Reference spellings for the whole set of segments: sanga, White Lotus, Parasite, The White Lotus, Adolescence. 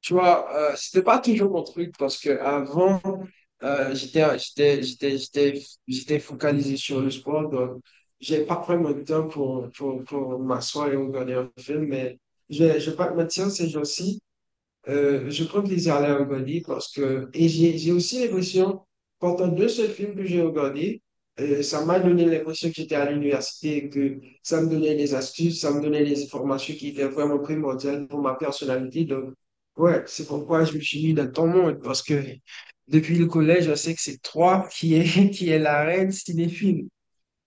Tu vois, c'était pas toujours mon truc parce que avant, euh, j'étais, j'étais, j'étais, j'étais, j'étais focalisé sur le sport. Donc, j'ai pas pris mon temps pour m'asseoir et regarder un film. Mais je vais pas te mentir, ces jours-ci, je prends plaisir à les regarder parce que, et j'ai aussi l'impression, pendant deux seuls films que j'ai regardés, ça m'a donné l'impression que j'étais à l'université et que ça me donnait des astuces, ça me donnait des informations qui étaient vraiment primordiales pour ma personnalité. Donc, ouais, c'est pourquoi je me suis mis dans ton monde parce que depuis le collège, je sais que c'est toi qui est, qui est la reine cinéphile.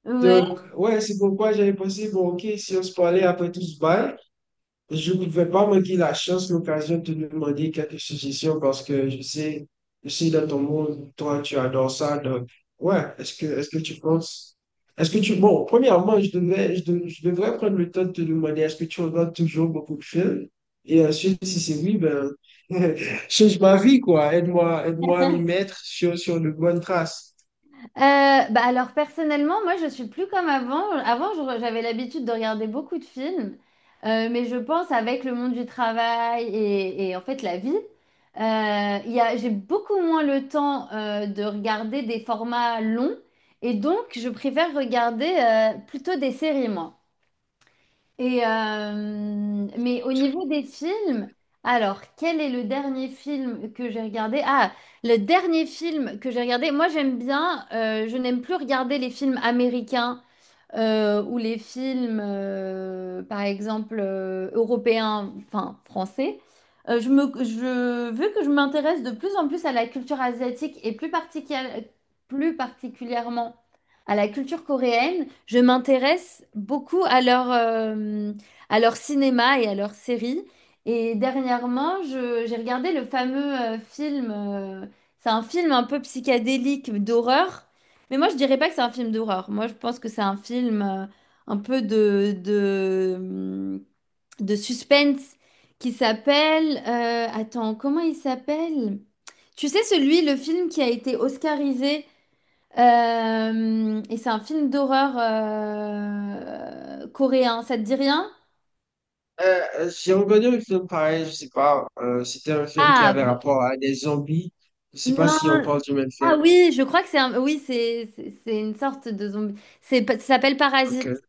Ouais. Donc, ouais, c'est pourquoi j'avais pensé, bon, ok, si on se parlait après tout ce bail, je ne vais pas manquer la chance, l'occasion de te demander quelques suggestions parce que je sais dans ton monde, toi, tu adores ça. Donc, ouais, est-ce que tu penses, est-ce que tu, bon, premièrement, je devrais prendre le temps de te demander, est-ce que tu regardes toujours beaucoup de films? Et ensuite, si c'est oui, ben, change ma vie, quoi. Aide-moi à m'y mettre sur de bonnes traces. Bah alors personnellement, moi je suis plus comme avant. Avant, j'avais l'habitude de regarder beaucoup de films. Mais je pense avec le monde du travail et, en fait la vie, il y a, j'ai beaucoup moins le temps de regarder des formats longs et donc je préfère regarder plutôt des séries, moi. Et euh, mais au niveau des films, alors quel est le dernier film que j'ai regardé? Ah, le dernier film que j'ai regardé, moi j'aime bien, je n'aime plus regarder les films américains ou les films, par exemple, européens, enfin français, vu que je m'intéresse de plus en plus à la culture asiatique et plus particulièrement à la culture coréenne, je m'intéresse beaucoup à leur cinéma et à leurs séries. Et dernièrement, j'ai regardé le fameux film, c'est un film un peu psychédélique d'horreur, mais moi, je dirais pas que c'est un film d'horreur. Moi, je pense que c'est un film un peu de suspense qui s'appelle... attends, comment il s'appelle? Tu sais, celui, le film qui a été oscarisé, et c'est un film d'horreur coréen, ça te dit rien? Euh, j'ai regardé un film pareil, je sais pas, c'était un film qui Ah, avait rapport à des zombies. Je sais pas Non, si on parle du même ah film. oui, je crois que c'est un... Oui, c'est une sorte de zombie. C'est, ça s'appelle Ok. Parasite.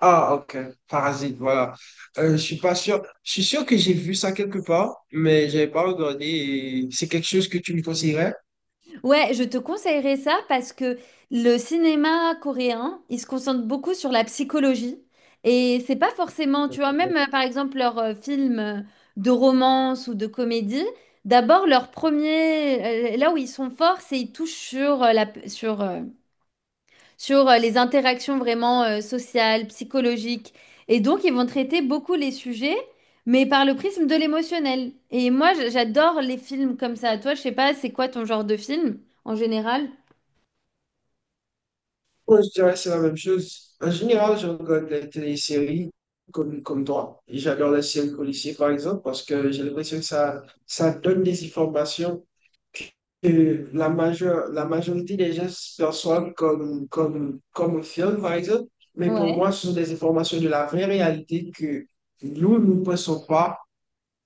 Ah, ok. Parasite, voilà. Je suis pas sûr. Je suis sûr que j'ai vu ça quelque part, mais j'avais pas regardé. Et c'est quelque chose que tu me conseillerais? Ouais, je te conseillerais ça parce que le cinéma coréen, il se concentre beaucoup sur la psychologie et c'est pas forcément, tu vois, Ouais. même par exemple leurs films de romance ou de comédie, d'abord leur premier, là où ils sont forts, c'est ils touchent sur les interactions vraiment sociales, psychologiques. Et donc, ils vont traiter beaucoup les sujets, mais par le prisme de l'émotionnel. Et moi, j'adore les films comme ça. Toi, je sais pas, c'est quoi ton genre de film en général? Moi, je dirais que c'est la même chose. En général, je regarde des téléséries comme toi. Et j'adore les séries policières, par exemple, parce que j'ai l'impression que ça donne des informations que la majorité des gens perçoivent comme un film, par exemple. Mais pour Ouais. moi, ce sont des informations de la vraie réalité que nous, nous ne pensons pas,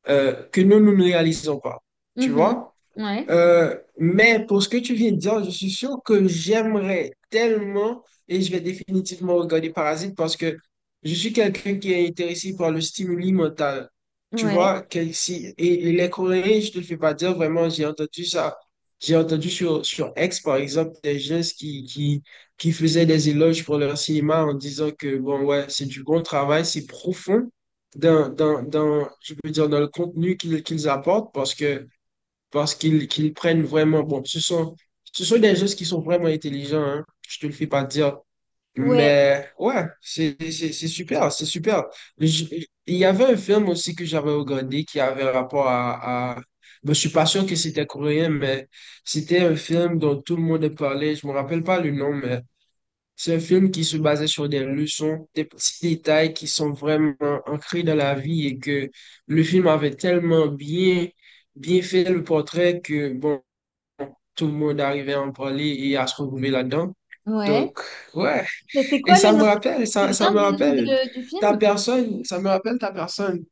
que nous, nous ne réalisons pas. Tu Mhm. vois? Ouais. Mais pour ce que tu viens de dire, je suis sûr que j'aimerais tellement et je vais définitivement regarder Parasite parce que je suis quelqu'un qui est intéressé par le stimuli mental. Tu Ouais. vois, que si, et les Coréens, je te le fais pas dire vraiment, j'ai entendu ça. J'ai entendu sur X, par exemple, des gens qui faisaient des éloges pour leur cinéma en disant que, bon, ouais, c'est du bon travail, c'est profond dans, je peux dire, dans le contenu qu'ils apportent parce que parce qu'ils qu'ils prennent vraiment, bon, ce sont des gens qui sont vraiment intelligents, hein, je te le fais pas dire. Ouais. Mais ouais, c'est super, c'est super. Je- il y avait un film aussi que j'avais regardé qui avait rapport à... Ben, je suis pas sûr que c'était coréen, mais c'était un film dont tout le monde parlait. Je me rappelle pas le nom, mais c'est un film qui se basait sur des leçons, des petits détails qui sont vraiment ancrés dans la vie et que le film avait bien fait le portrait que bon, tout le monde arrivait à en parler et à se retrouver là-dedans. Ouais. Donc, ouais. Et c'est Et quoi le nom? Tu te ça souviens me du nom rappelle du film? Ça me rappelle ta personne.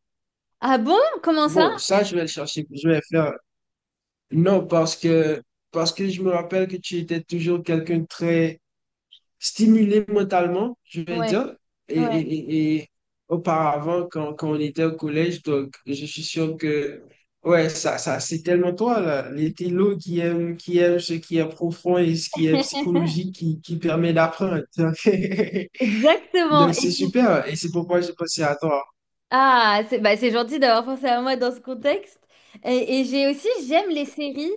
Ah bon? Comment ça? Bon, ça, je vais le chercher, je vais le faire. Non, parce que je me rappelle que tu étais toujours quelqu'un de très stimulé mentalement, je vais Ouais. dire. Et, Ouais. Auparavant, quand on était au collège, donc je suis sûr que, ouais, c'est tellement toi, là. Les télos qui aiment ce qui est profond et ce qui est psychologique qui permet d'apprendre. Exactement. Donc, c'est super. Et c'est pourquoi j'ai pensé à toi. Ah, c'est gentil d'avoir pensé à moi dans ce contexte. Et j'ai aussi, j'aime les séries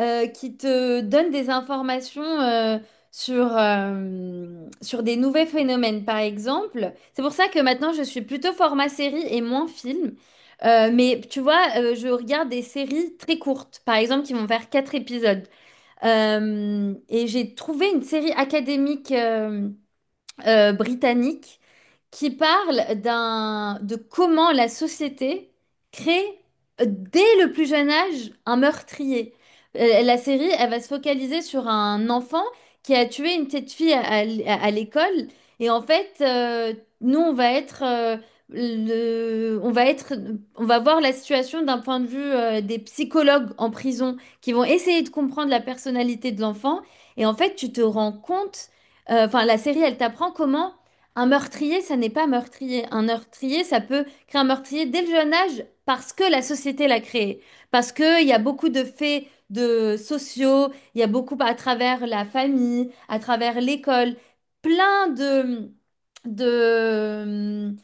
qui te donnent des informations sur, sur des nouveaux phénomènes, par exemple. C'est pour ça que maintenant, je suis plutôt format série et moins film. Mais tu vois, je regarde des séries très courtes, par exemple, qui vont faire 4 épisodes. Et j'ai trouvé une série académique, britannique, qui parle d'un, de comment la société crée dès le plus jeune âge un meurtrier. La série, elle va se focaliser sur un enfant qui a tué une petite fille à l'école. Et en fait, nous, on va être, on va être, on va voir la situation d'un point de vue des psychologues en prison qui vont essayer de comprendre la personnalité de l'enfant. Et en fait, tu te rends compte Enfin, la série, elle t'apprend comment un meurtrier, ça n'est pas meurtrier. Un meurtrier, ça peut créer un meurtrier dès le jeune âge parce que la société l'a créé. Parce qu'il y a beaucoup de faits de sociaux, il y a beaucoup à travers la famille, à travers l'école, plein de, de,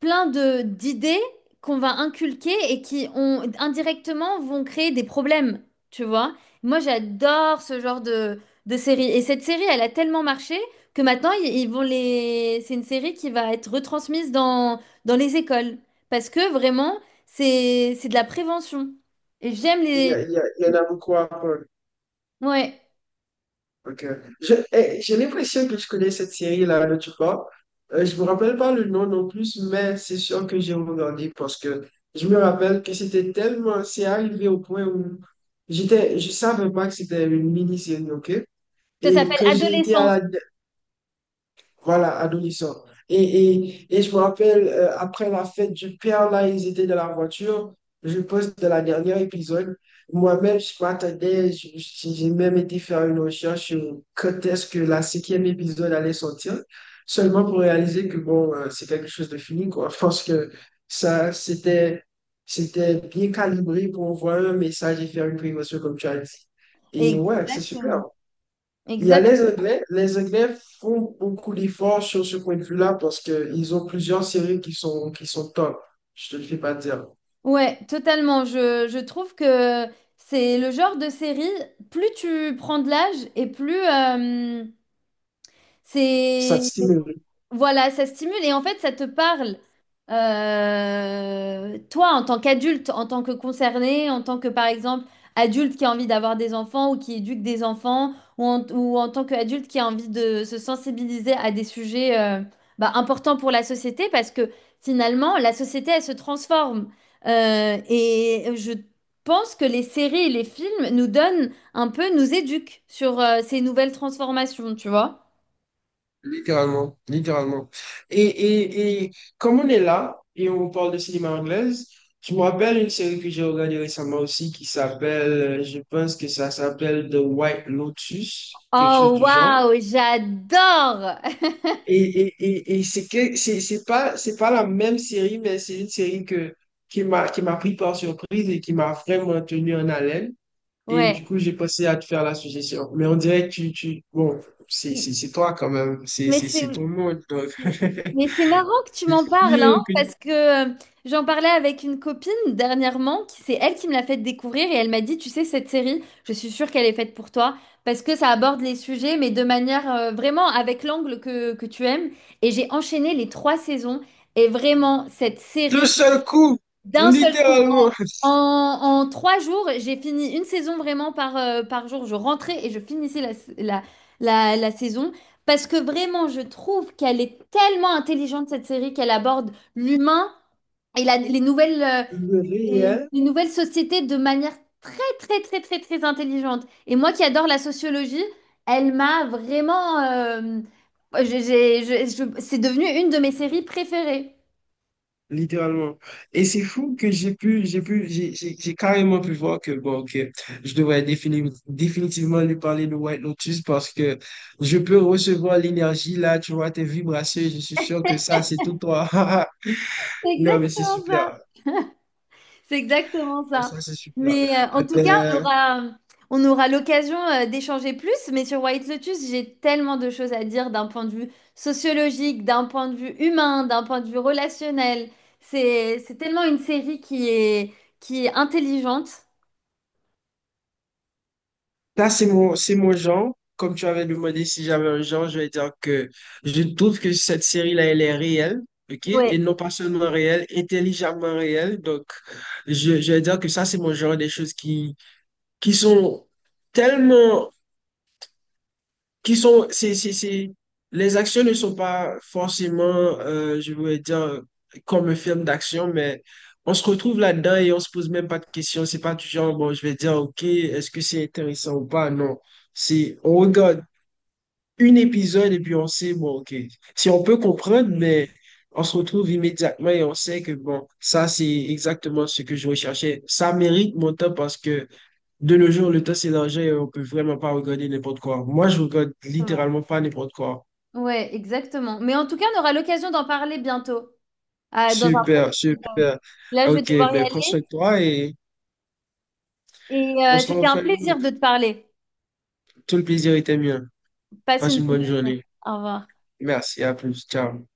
plein de d'idées qu'on va inculquer et qui ont indirectement vont créer des problèmes, tu vois. Moi, j'adore ce genre de série. Et cette série, elle a tellement marché que maintenant, ils vont les... c'est une série qui va être retransmise dans les écoles. Parce que vraiment, c'est de la prévention. Et j'aime les... Il y en a beaucoup à apprendre. Ouais, Ok. J'ai l'impression que je connais cette série-là dont tu parles. Je me rappelle pas le nom non plus, mais c'est sûr que j'ai regardé parce que je me rappelle que c'était tellement, c'est arrivé au point où je savais pas que c'était une mini-série, ok? ça Et s'appelle que j'ai été à Adolescence. la voilà, adolescent. Et, et je me rappelle, après la fête du père, là, ils étaient dans la voiture. Je poste de la dernière épisode. Moi-même, je m'attendais, je- j'ai même été faire une recherche sur quand est-ce que la cinquième épisode allait sortir, seulement pour réaliser que, bon, c'est quelque chose de fini, quoi. Je pense que ça, c'était bien calibré pour envoyer un message et faire une prévention, comme tu as dit. Et ouais, c'est super. Exactement. Il y a Exact. les Anglais. Les Anglais font beaucoup d'efforts sur ce point de vue-là parce qu'ils ont plusieurs séries qui sont top. Je te le fais pas dire. Ouais, totalement. Je trouve que c'est le genre de série, plus tu prends de l'âge et plus Ça te c'est stimule, voilà, ça stimule et en fait, ça te parle. Toi, en tant qu'adulte, en tant que concerné, en tant que, par exemple, adulte qui a envie d'avoir des enfants ou qui éduque des enfants, ou en tant qu'adulte qui a envie de se sensibiliser à des sujets bah, importants pour la société, parce que finalement, la société, elle se transforme. Et je pense que les séries et les films nous donnent un peu, nous éduquent sur ces nouvelles transformations, tu vois. littéralement, littéralement. Et, et comme on est là et on parle de cinéma anglaise, je me rappelle une série que j'ai regardée récemment aussi qui s'appelle, je pense que ça s'appelle The White Lotus, quelque chose Oh, du genre. waouh, j'adore! Et, et, et c'est que c'est pas la même série, mais c'est une série qui m'a pris par surprise et qui m'a vraiment tenu en haleine. Et Ouais. du coup, j'ai pensé à te faire la suggestion. Mais on dirait que tu, bon, c'est toi quand même. Mais c'est C'est ton monde. Donc, mais c'est marrant que tu c'est m'en parles, sûr hein, que parce que euh, j'en parlais avec une copine dernièrement, qui c'est elle qui me l'a fait découvrir et elle m'a dit, tu sais, cette série, je suis sûre qu'elle est faite pour toi, parce que ça aborde les sujets, mais de manière vraiment avec l'angle que tu aimes. Et j'ai enchaîné les 3 saisons et vraiment, cette d'un série. seul coup, D'un seul coup, littéralement, en 3 jours, j'ai fini une saison vraiment par, par jour. Je rentrais et je finissais la, la saison parce que vraiment, je trouve qu'elle est tellement intelligente, cette série, qu'elle aborde l'humain et les nouvelles, le réel. les nouvelles sociétés de manière très intelligente. Et moi qui adore la sociologie, elle m'a vraiment... c'est devenu une de mes séries préférées. Littéralement. Et c'est fou que j'ai pu, j'ai carrément pu voir que, bon, que définitivement lui parler de White Lotus parce que je peux recevoir l'énergie là, tu vois, tes vibrations, et je suis sûr que ça, c'est tout toi. C'est Non, mais c'est exactement ça. super. C'est exactement ça. Ça, c'est super. Mais en tout cas, Euh, on aura l'occasion d'échanger plus. Mais sur White Lotus, j'ai tellement de choses à dire d'un point de vue sociologique, d'un point de vue humain, d'un point de vue relationnel. C'est tellement une série qui est intelligente. Ça, c'est mon genre. Comme tu avais demandé si j'avais un genre, je vais dire que je trouve que cette série-là, elle est réelle, ok? Et Ouais, non pas seulement réelle, intelligemment réelle. Donc, je vais dire que ça, c'est mon genre des choses qui sont tellement qui sont, c'est, les actions ne sont pas forcément, je voudrais dire, comme un film d'action, mais on se retrouve là-dedans et on se pose même pas de questions. C'est pas du genre, bon, je vais dire, OK, est-ce que c'est intéressant ou pas? Non. C'est, on regarde une épisode et puis on sait, bon, OK. Si on peut comprendre, mais on se retrouve immédiatement et on sait que, bon, ça, c'est exactement ce que je recherchais. Ça mérite mon temps parce que de nos jours, le temps, c'est l'argent et on peut vraiment pas regarder n'importe quoi. Moi, je regarde exactement. littéralement pas n'importe quoi. Ouais, exactement. Mais en tout cas, on aura l'occasion d'en parler bientôt, dans un prochain. Super, super. Là, Ah, je vais ok, devoir y ben prends aller. soin de toi et on se C'était un renvoie. plaisir de te parler. Tout le plaisir était mien. Passe Passe une une bonne bonne journée. journée. Au revoir. Merci, à plus. Ciao.